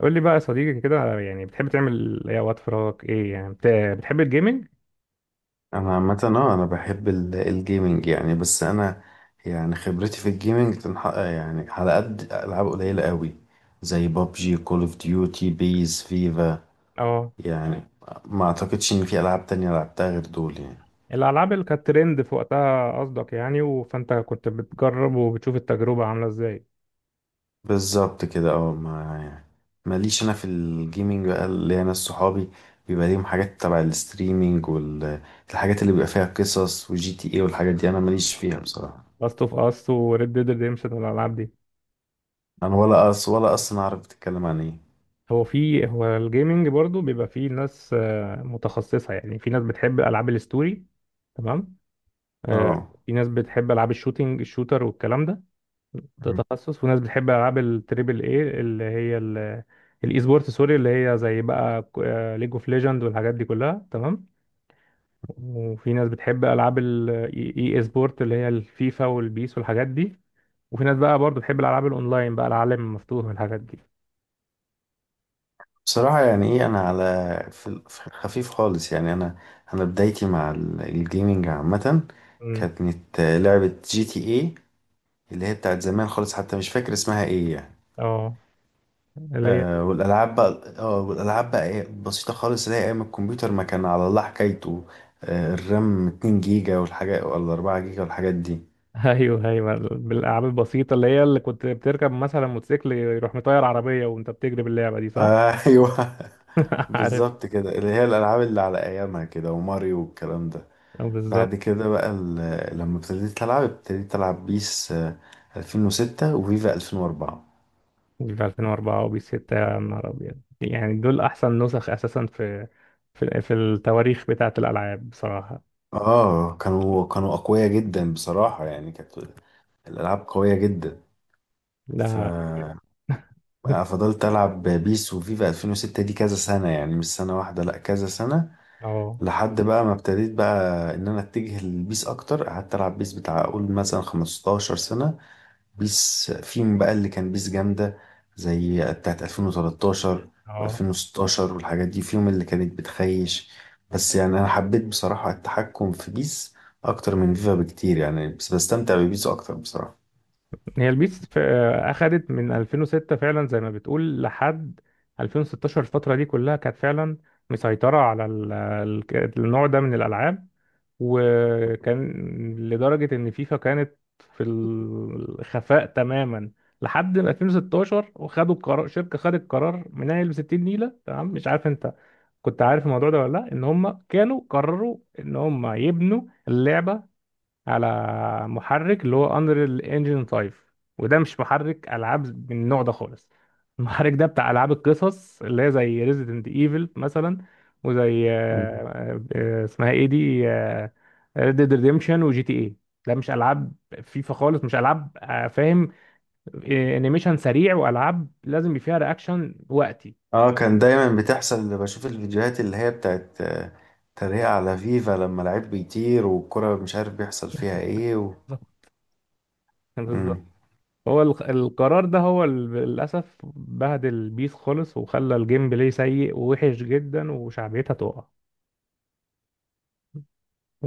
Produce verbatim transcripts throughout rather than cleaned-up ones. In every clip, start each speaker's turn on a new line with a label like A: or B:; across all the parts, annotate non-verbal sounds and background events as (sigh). A: قول لي بقى يا صديقي كده، على- يعني بتحب تعمل ايه وقت فراغك؟ ايه يعني بت- بتحب الجيمنج؟
B: انا عامه اه انا بحب ال- الجيمينج يعني، بس انا، يعني خبرتي في الجيمينج تنحق يعني، على قد العاب قليله قوي، زي بابجي، كول اوف ديوتي، بيز، فيفا
A: اه.
B: يعني. ما اعتقدش ان في العاب تانية لعبتها غير دول يعني.
A: الالعاب اللي كانت ترند في وقتها قصدك يعني، و- فانت كنت بتجرب وبتشوف التجربه عامله ازاي؟
B: بالظبط كده، اه ما يعني، ماليش انا في الجيمينج بقى. اللي انا صحابي بيبقى ليهم حاجات تبع الستريمينج، والحاجات اللي بيبقى فيها قصص، وجي تي ايه، والحاجات دي انا ماليش فيها بصراحه.
A: لاست اوف اس وريد ديد ريديمشن والالعاب دي؟
B: انا ولا أص ولا اصلا اعرف بتتكلم عن ايه.
A: هو في هو الجيمنج برضو بيبقى فيه ناس آه، متخصصه. يعني في ناس بتحب العاب الستوري، تمام. آه،
B: اه
A: في ناس بتحب العاب الشوتينج الشوتر والكلام ده. ده تخصص، وناس بتحب العاب التريبل اي اللي هي ال- الاي سبورت، سوري، اللي هي زي بقى ليج اوف ليجند والحاجات دي كلها، تمام. وفي ناس بتحب العاب الاي سبورت اللي هي الفيفا والبيس والحاجات دي. وفي ناس بقى برضو بتحب الالعاب الاونلاين بقى، العالم المفتوح والحاجات دي.
B: بصراحة يعني ايه، انا على، في ال- في الخفيف خالص يعني. انا انا بدايتي مع ال- الجيمنج عامة،
A: امم
B: كانت لعبة جي تي ايه، اللي هي بتاعت زمان خالص، حتى مش فاكر اسمها ايه يعني.
A: اه، اللي هي
B: آه والالعاب بقى اه والالعاب بقى ايه، بسيطة خالص، اللي هي ايام الكمبيوتر ما كان على الله حكايته. آه الرام اتنين جيجا جيجا والحاجة، ولا 4 جيجا والحاجات دي.
A: (laughs) ايوه، ايوه، بالالعاب البسيطه، اللي هي اللي كنت بتركب مثلا موتوسيكل يروح مطير عربيه وانت بتجري باللعبه دي، صح؟
B: آه (laughs) ايوه،
A: (laughs) عارف؟
B: بالظبط كده، اللي هي الالعاب اللي على ايامها كده، وماريو والكلام ده.
A: آه،
B: بعد
A: بالظبط.
B: كده بقى، ال- لما ابتديت ألعب ابتديت ألعب بيس آه، ألفين وستة، وفيفا ألفين وأربعة.
A: وبيف الفين واربعة وبيف ستة، يا نهار أبيض، يعني دول أحسن نسخ أساسا في في, في التواريخ بتاعة الألعاب بصراحة.
B: اه كانوا كانوا أقوياء جدا بصراحة، يعني كانت الألعاب قوية جدا. ف
A: لا.
B: آه، فضلت ألعب بيس وفيفا ألفين وستة، دي كذا سنة يعني، مش سنة واحدة، لأ كذا سنة،
A: اه،
B: لحد بقى ما ابتديت بقى إن أنا أتجه للبيس أكتر. قعدت ألعب بيس بتاع أقول مثلا 15 سنة. بيس في بقى اللي كان بيس جامدة، زي بتاعت ألفين وتلتاشر
A: اه.
B: و2016 والحاجات دي، فيهم اللي كانت بتخيش. بس يعني أنا حبيت بصراحة التحكم في بيس أكتر من فيفا بكتير يعني، بس بستمتع ببيس أكتر بصراحة.
A: هي البيس في- أخدت من الفين وستة فعلا زي ما بتقول لحد الفين وستاشر. الفترة دي كلها كانت فعلا مسيطرة على ال- ال- النوع ده من الألعاب. وكان لدرجة إن فيفا كانت في الخفاء تماما لحد ما الفين وستاشر، وخدوا القرار. شركة خدت قرار منيل ب ستين نيلة، تمام. مش عارف أنت كنت عارف الموضوع ده ولا لأ؟ إن هم كانوا قرروا إن هم يبنوا اللعبة على محرك اللي هو انريل انجن فايف، وده مش محرك العاب من النوع ده خالص. المحرك ده بتاع العاب القصص اللي هي زي ريزيدنت ايفل مثلا، وزي آه،
B: مم.
A: آه، آه، اسمها ايه دي، ريد ديد ريديمشن وجي تي اي. ده مش العاب فيفا خالص، مش العاب. آه، فاهم؟ آه، انيميشن سريع، والعاب لازم يبقى فيها رياكشن وقتي،
B: اه كان دايما بتحصل، اللي بشوف الفيديوهات اللي هي بتاعت آه، تريقة على فيفا، لما لعيب بيطير والكرة مش عارف بيحصل فيها ايه. و...
A: بالظبط. (laughs)
B: مم.
A: هو الق- القرار ده هو ال- للأسف بهدل البيس خالص، وخلى الجيم بلاي سيء ووحش جدا، وشعبيتها تقع.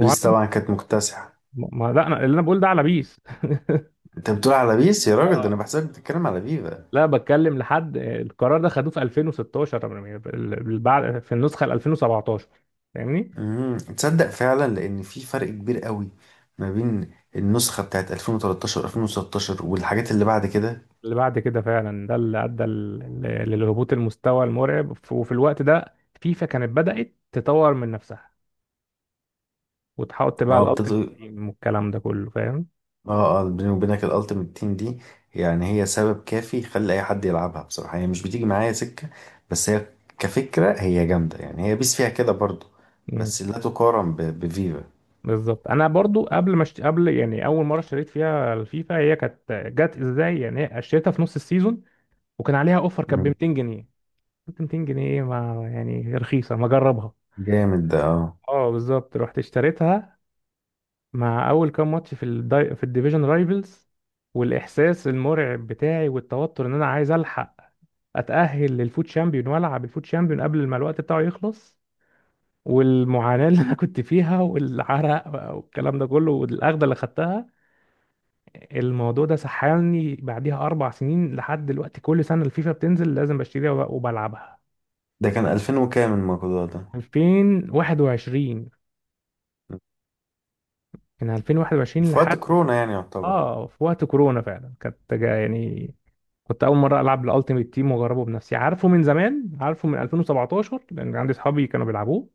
B: بيس طبعا كانت مكتسحة.
A: ما لا، أنا اللي أنا بقول ده على بيس. (laughs)
B: انت بتقول على بيس يا راجل؟ ده
A: اه،
B: انا بحسك بتتكلم على فيفا.
A: لا، بتكلم لحد القرار ده خدوه في الفين وستة عشر، ال- بعد في النسخة ال الفين وسبعتاشر، فاهمني؟
B: امم تصدق فعلا، لان في فرق كبير قوي ما بين النسخه بتاعت ألفين وتلتاشر ألفين وستاشر والحاجات اللي بعد كده.
A: اللي بعد كده فعلا، ده اللي أدى ال- ل- للهبوط المستوى المرعب. ف- وفي الوقت ده فيفا كانت بدأت تطور من نفسها وتحط بقى
B: اه
A: الألتيميت
B: ابتدوا.
A: تيم والكلام ده كله، فاهم؟
B: اه، اه، بيني وبينك الالتيميت تيم دي، يعني هي سبب كافي يخلي اي حد يلعبها بصراحه، هي مش بتيجي معايا سكه، بس هي كفكره هي جامده يعني، هي بيس فيها كده برضو،
A: مم.
B: بس لا تقارن ب- بفيفا.
A: بالظبط. انا برضو قبل ما اشت... قبل، يعني اول مره اشتريت فيها الفيفا، هي كانت جت ازاي يعني؟ هي اشتريتها في نص السيزون، وكان عليها اوفر، كانت ب
B: مم.
A: ميتين جنيه. قلت ميتين جنيه إيه؟ ما يعني رخيصه، ما اجربها.
B: جامد ده. اه
A: اه، بالظبط، رحت اشتريتها. مع اول كام ماتش في الدي... في الديفيجن رايفلز، والاحساس المرعب بتاعي والتوتر ان انا عايز الحق اتاهل للفوت شامبيون والعب الفوت شامبيون قبل ما الوقت بتاعه يخلص، والمعاناه اللي انا كنت فيها، والعرق بقى والكلام ده كله، والاخده اللي خدتها. الموضوع ده سحلني بعديها اربع سنين لحد دلوقتي، كل سنه الفيفا بتنزل لازم بشتريها، وب- وبلعبها.
B: ده كان ألفين وكام الموضوع ده؟
A: الفين وواحد وعشرين. من الفين وواحد وعشرين
B: في
A: لحد.
B: وقت كورونا يعني يعتبر.
A: اه، في وقت كورونا فعلا كانت جا- يعني كنت اول مره العب الالتيميت تيم واجربه بنفسي. عارفه من زمان، عارفه من الفين وسبعة عشر، لان عندي اصحابي كانوا بيلعبوه،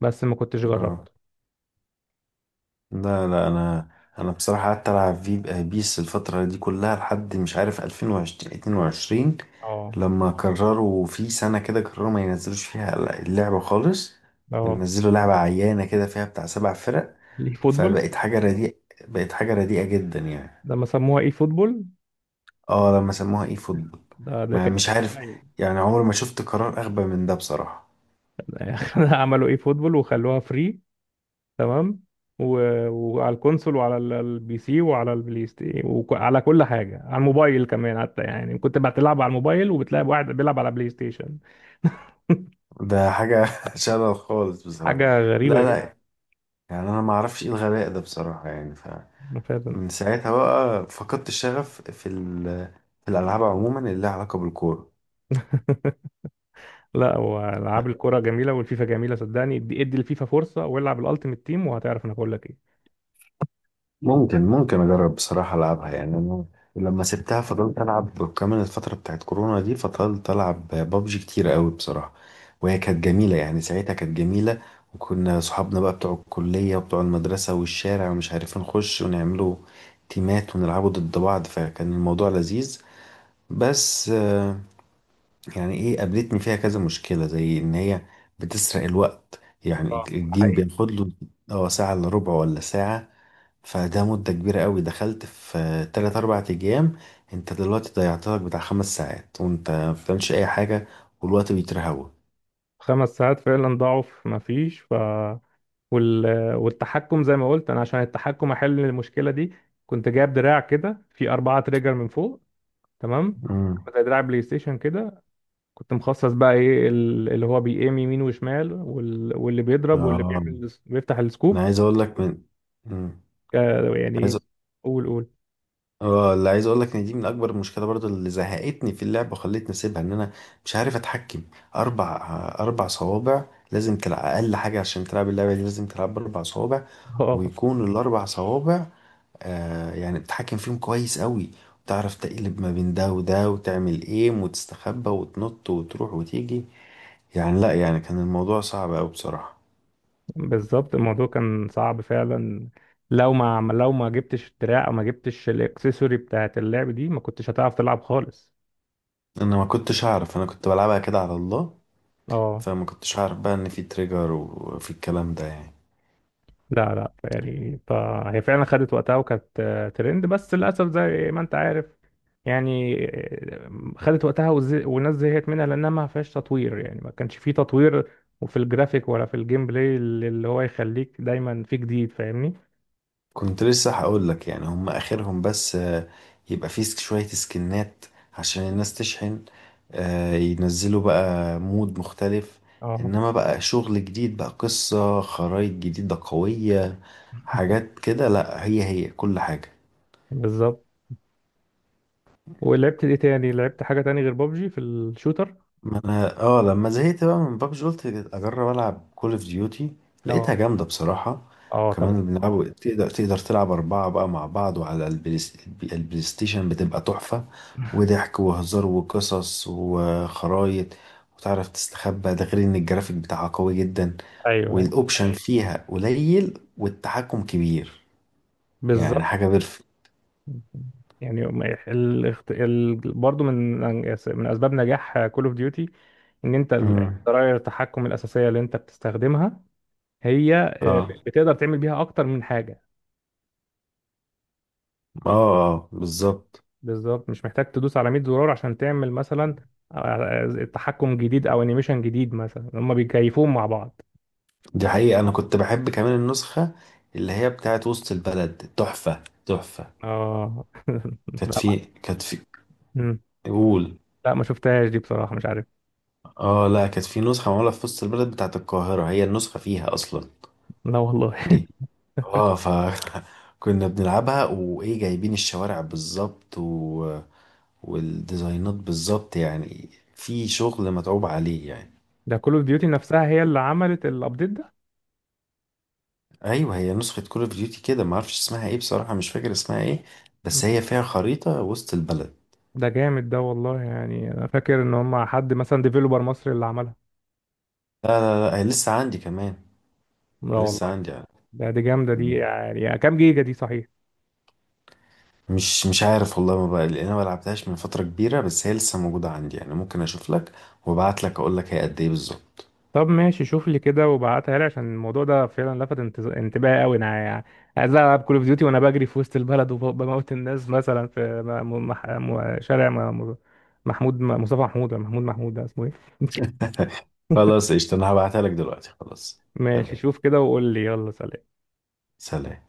A: بس ما كنتش
B: اه
A: جربته.
B: لا، لا، انا انا بصراحه قعدت العب في بيس الفتره دي كلها، لحد مش عارف ألفين وعشرين، اتنين وعشرين،
A: اه،
B: لما قرروا في سنه كده قرروا ما ينزلوش فيها اللعبه خالص،
A: اه.
B: ونزلوا لعبه عيانه كده فيها بتاع سبع فرق.
A: الاي فوتبول.
B: فبقت حاجه رديئه بقت حاجه رديئه جدا يعني.
A: لما سموها اي فوتبول،
B: اه لما سموها اي فوتبول.
A: ده, ده
B: ما
A: كان.
B: مش عارف، يعني عمري ما شفت قرار اغبى من ده بصراحه.
A: (laughs) عملوا اي فوتبول وخلوها فري، تمام، و- وعلى الكونسول وعلى ال- البي سي وعلى البلاي ستيشن وعلى كل حاجه، على الموبايل كمان حتى، يعني كنت بتلعب على الموبايل وبتلاقي واحد بيلعب على بلاي ستيشن.
B: ده حاجه (laughs) شلل خالص بصراحه.
A: حاجه
B: لا،
A: غريبه جدا
B: لا، يعني انا ما اعرفش ايه الغباء ده بصراحه يعني.
A: فعلا.
B: من ساعتها بقى فقدت الشغف في ال- في الألعاب عموما اللي لها علاقة بالكورة.
A: (laughs) لا، والعاب الكره جميله، والفيفا جميله، صدقني. ادي ادي الفيفا فرصه والعب الالتيميت تيم وهتعرف انا بقول لك ايه.
B: ممكن، ممكن أجرب بصراحة ألعبها يعني أنا. لما سبتها فضلت ألعب كمان الفترة بتاعت كورونا دي، فضلت ألعب بابجي كتير قوي بصراحة، وهي كانت جميلة يعني، ساعتها كانت جميلة، وكنا صحابنا بقى بتوع الكلية وبتوع المدرسة والشارع ومش عارفين نخش ونعملوا تيمات ونلعبوا ضد بعض، فكان الموضوع لذيذ. بس يعني ايه، قابلتني فيها كذا مشكلة، زي ان هي بتسرق الوقت يعني،
A: آه.
B: الجيم بياخد له اه ساعة الا ربع ولا ساعة، فده مدة كبيرة قوي. دخلت في تلات اربع ايام، انت دلوقتي ضيعت لك بتاع خمس ساعات وانت ما بتعملش اي حاجة، والوقت بيترهوى.
A: خمس ساعات فعلا ضاعوا في ما فيش. ف وال... والتحكم زي ما قلت انا. عشان التحكم احل المشكله دي كنت جايب دراع كده في اربعة تريجر من فوق. تمام،
B: امم
A: زي دراع بلاي ستيشن كده. كنت مخصص بقى ايه ال- اللي هو بيقيم يمين وشمال، وال- واللي بيضرب واللي
B: اه
A: بيعمل بيفتح
B: انا
A: السكوب.
B: عايز اقول لك من، امم
A: آه، يعني قول قول.
B: اه اللي عايز اقول لك ان دي من اكبر المشكله برضو اللي زهقتني في اللعبه وخلتني اسيبها، ان انا مش عارف اتحكم. اربع اربع صوابع لازم تلعب اقل حاجه، عشان تلعب اللعبه دي لازم تلعب باربع صوابع،
A: (laughs) اه،
B: ويكون الاربع صوابع آه يعني بتتحكم فيهم كويس قوي، وتعرف تقلب ما بين ده وده، وتعمل ايم وتستخبى وتنط وتروح وتيجي يعني، لا يعني كان الموضوع صعب قوي بصراحه.
A: بالظبط، الموضوع كان صعب فعلا. لو ما عم- لو ما جبتش الدراع او ما جبتش الاكسسوري بتاعت اللعب دي، ما كنتش هتعرف تلعب خالص.
B: انا ما كنتش اعرف، انا كنت بلعبها كده على الله،
A: اه،
B: فما كنتش عارف بقى ان في تريجر وفي الكلام ده يعني.
A: لا، لا، يعني، فهي فعلا خدت وقتها، وكانت آه، ترند، بس للأسف زي ما أنت عارف يعني. آه، خدت وقتها، وز- والناس زهقت منها لأنها ما فيهاش تطوير، يعني ما كانش فيه تطوير وفي الجرافيك ولا في الجيم بلاي اللي اللي هو يخليك دايما في جديد، فاهمني؟
B: كنت لسه هقول لك، يعني هم اخرهم بس آه، يبقى فيه سك- شوية سكنات عشان الناس تشحن، آه، ينزلوا بقى مود مختلف،
A: اه،
B: انما بقى شغل جديد بقى، قصة خرايط جديدة قوية، حاجات كده، لا هي هي كل حاجة.
A: بالظبط. ولعبت ايه تاني؟ لعبت حاجة تاني غير بابجي في الشوتر؟
B: ما انا اه لما زهقت بقى من بابجي قلت اجرب العب كول اوف ديوتي،
A: اه،
B: لقيتها جامده بصراحه.
A: اه، طبعا.
B: كمان بنلعب، تقدر تقدر تلعب اربعه بقى مع بعض، وعلى البلاي البلاي ستيشن بتبقى تحفه، وضحك وهزار وقصص وخرايط، وتعرف تستخبى، ده غير ان الجرافيك بتاعها قوي جدا،
A: ايوه، أيوه.
B: والاوبشن مم. فيها قليل والتحكم كبير، يعني
A: بالظبط.
B: حاجه بيرفكت.
A: يعني الاخت... ال... برضه من من اسباب نجاح كول اوف ديوتي ان انت، ال-
B: مم.
A: زراير التحكم الاساسيه اللي انت بتستخدمها هي آه،
B: اه،
A: بتقدر تعمل بيها اكتر من حاجه.
B: اه، اه، بالظبط.
A: بالظبط، مش محتاج تدوس على ميه زرار عشان تعمل مثلا آه، آه، تحكم جديد او انيميشن جديد مثلا، هما بيكيفوهم مع بعض.
B: دي حقيقة، أنا كنت بحب كمان النسخة اللي هي بتاعت وسط البلد، تحفة تحفة.
A: اه. (laughs)
B: كانت
A: لا ما
B: في كانت في
A: مم.
B: قول.
A: لا ما شفتهاش دي بصراحه، مش عارف.
B: اه، لا، كانت في نسخة معمولة في وسط البلد بتاعت القاهرة، هي النسخة فيها أصلا
A: لا والله.
B: دي.
A: (laughs)
B: اه ف (laughs) كنا بنلعبها، وإيه جايبين الشوارع بالظبط، و... والديزاينات بالظبط يعني، في شغل متعوب عليه يعني.
A: ده كول اوف ديوتي نفسها هي اللي عملت الابديت
B: أيوة، هي نسخة كول أوف ديوتي كده معرفش اسمها إيه بصراحة، مش فاكر اسمها إيه، بس
A: ده.
B: هي فيها خريطة وسط البلد.
A: ده جامد ده، والله، يعني انا فاكر ان هم حد مثلا ديفيلوبر مصري اللي عملها.
B: لا، لا، لا، هي لسه عندي كمان،
A: لا
B: لسه
A: والله.
B: عندي يعني.
A: ده دي جامده دي،
B: مم.
A: يعني كام جيجا دي صحيح؟
B: مش مش عارف والله، ما بقى لان انا ما لعبتهاش من فتره كبيره، بس هي لسه موجوده عندي يعني، ممكن اشوف لك وابعت لك اقول لك هي قد ايه بالظبط.
A: طب ماشي، شوف لي كده وبعتها لي. عشان الموضوع ده فعلا لفت انت- انتباهي قوي. انا يعني عايز العب كول اوف ديوتي وانا بجري في وسط البلد وبموت الناس مثلا في م- مح- م- شارع م- محمود مصطفى محمود ولا محمود محمود، ده اسمه ايه؟
B: (laughs) خلاص قشطه، انا هبعتها لك دلوقتي، خلاص. تمام،
A: ماشي، شوف كده وقول لي، يلا سلام.
B: سلام.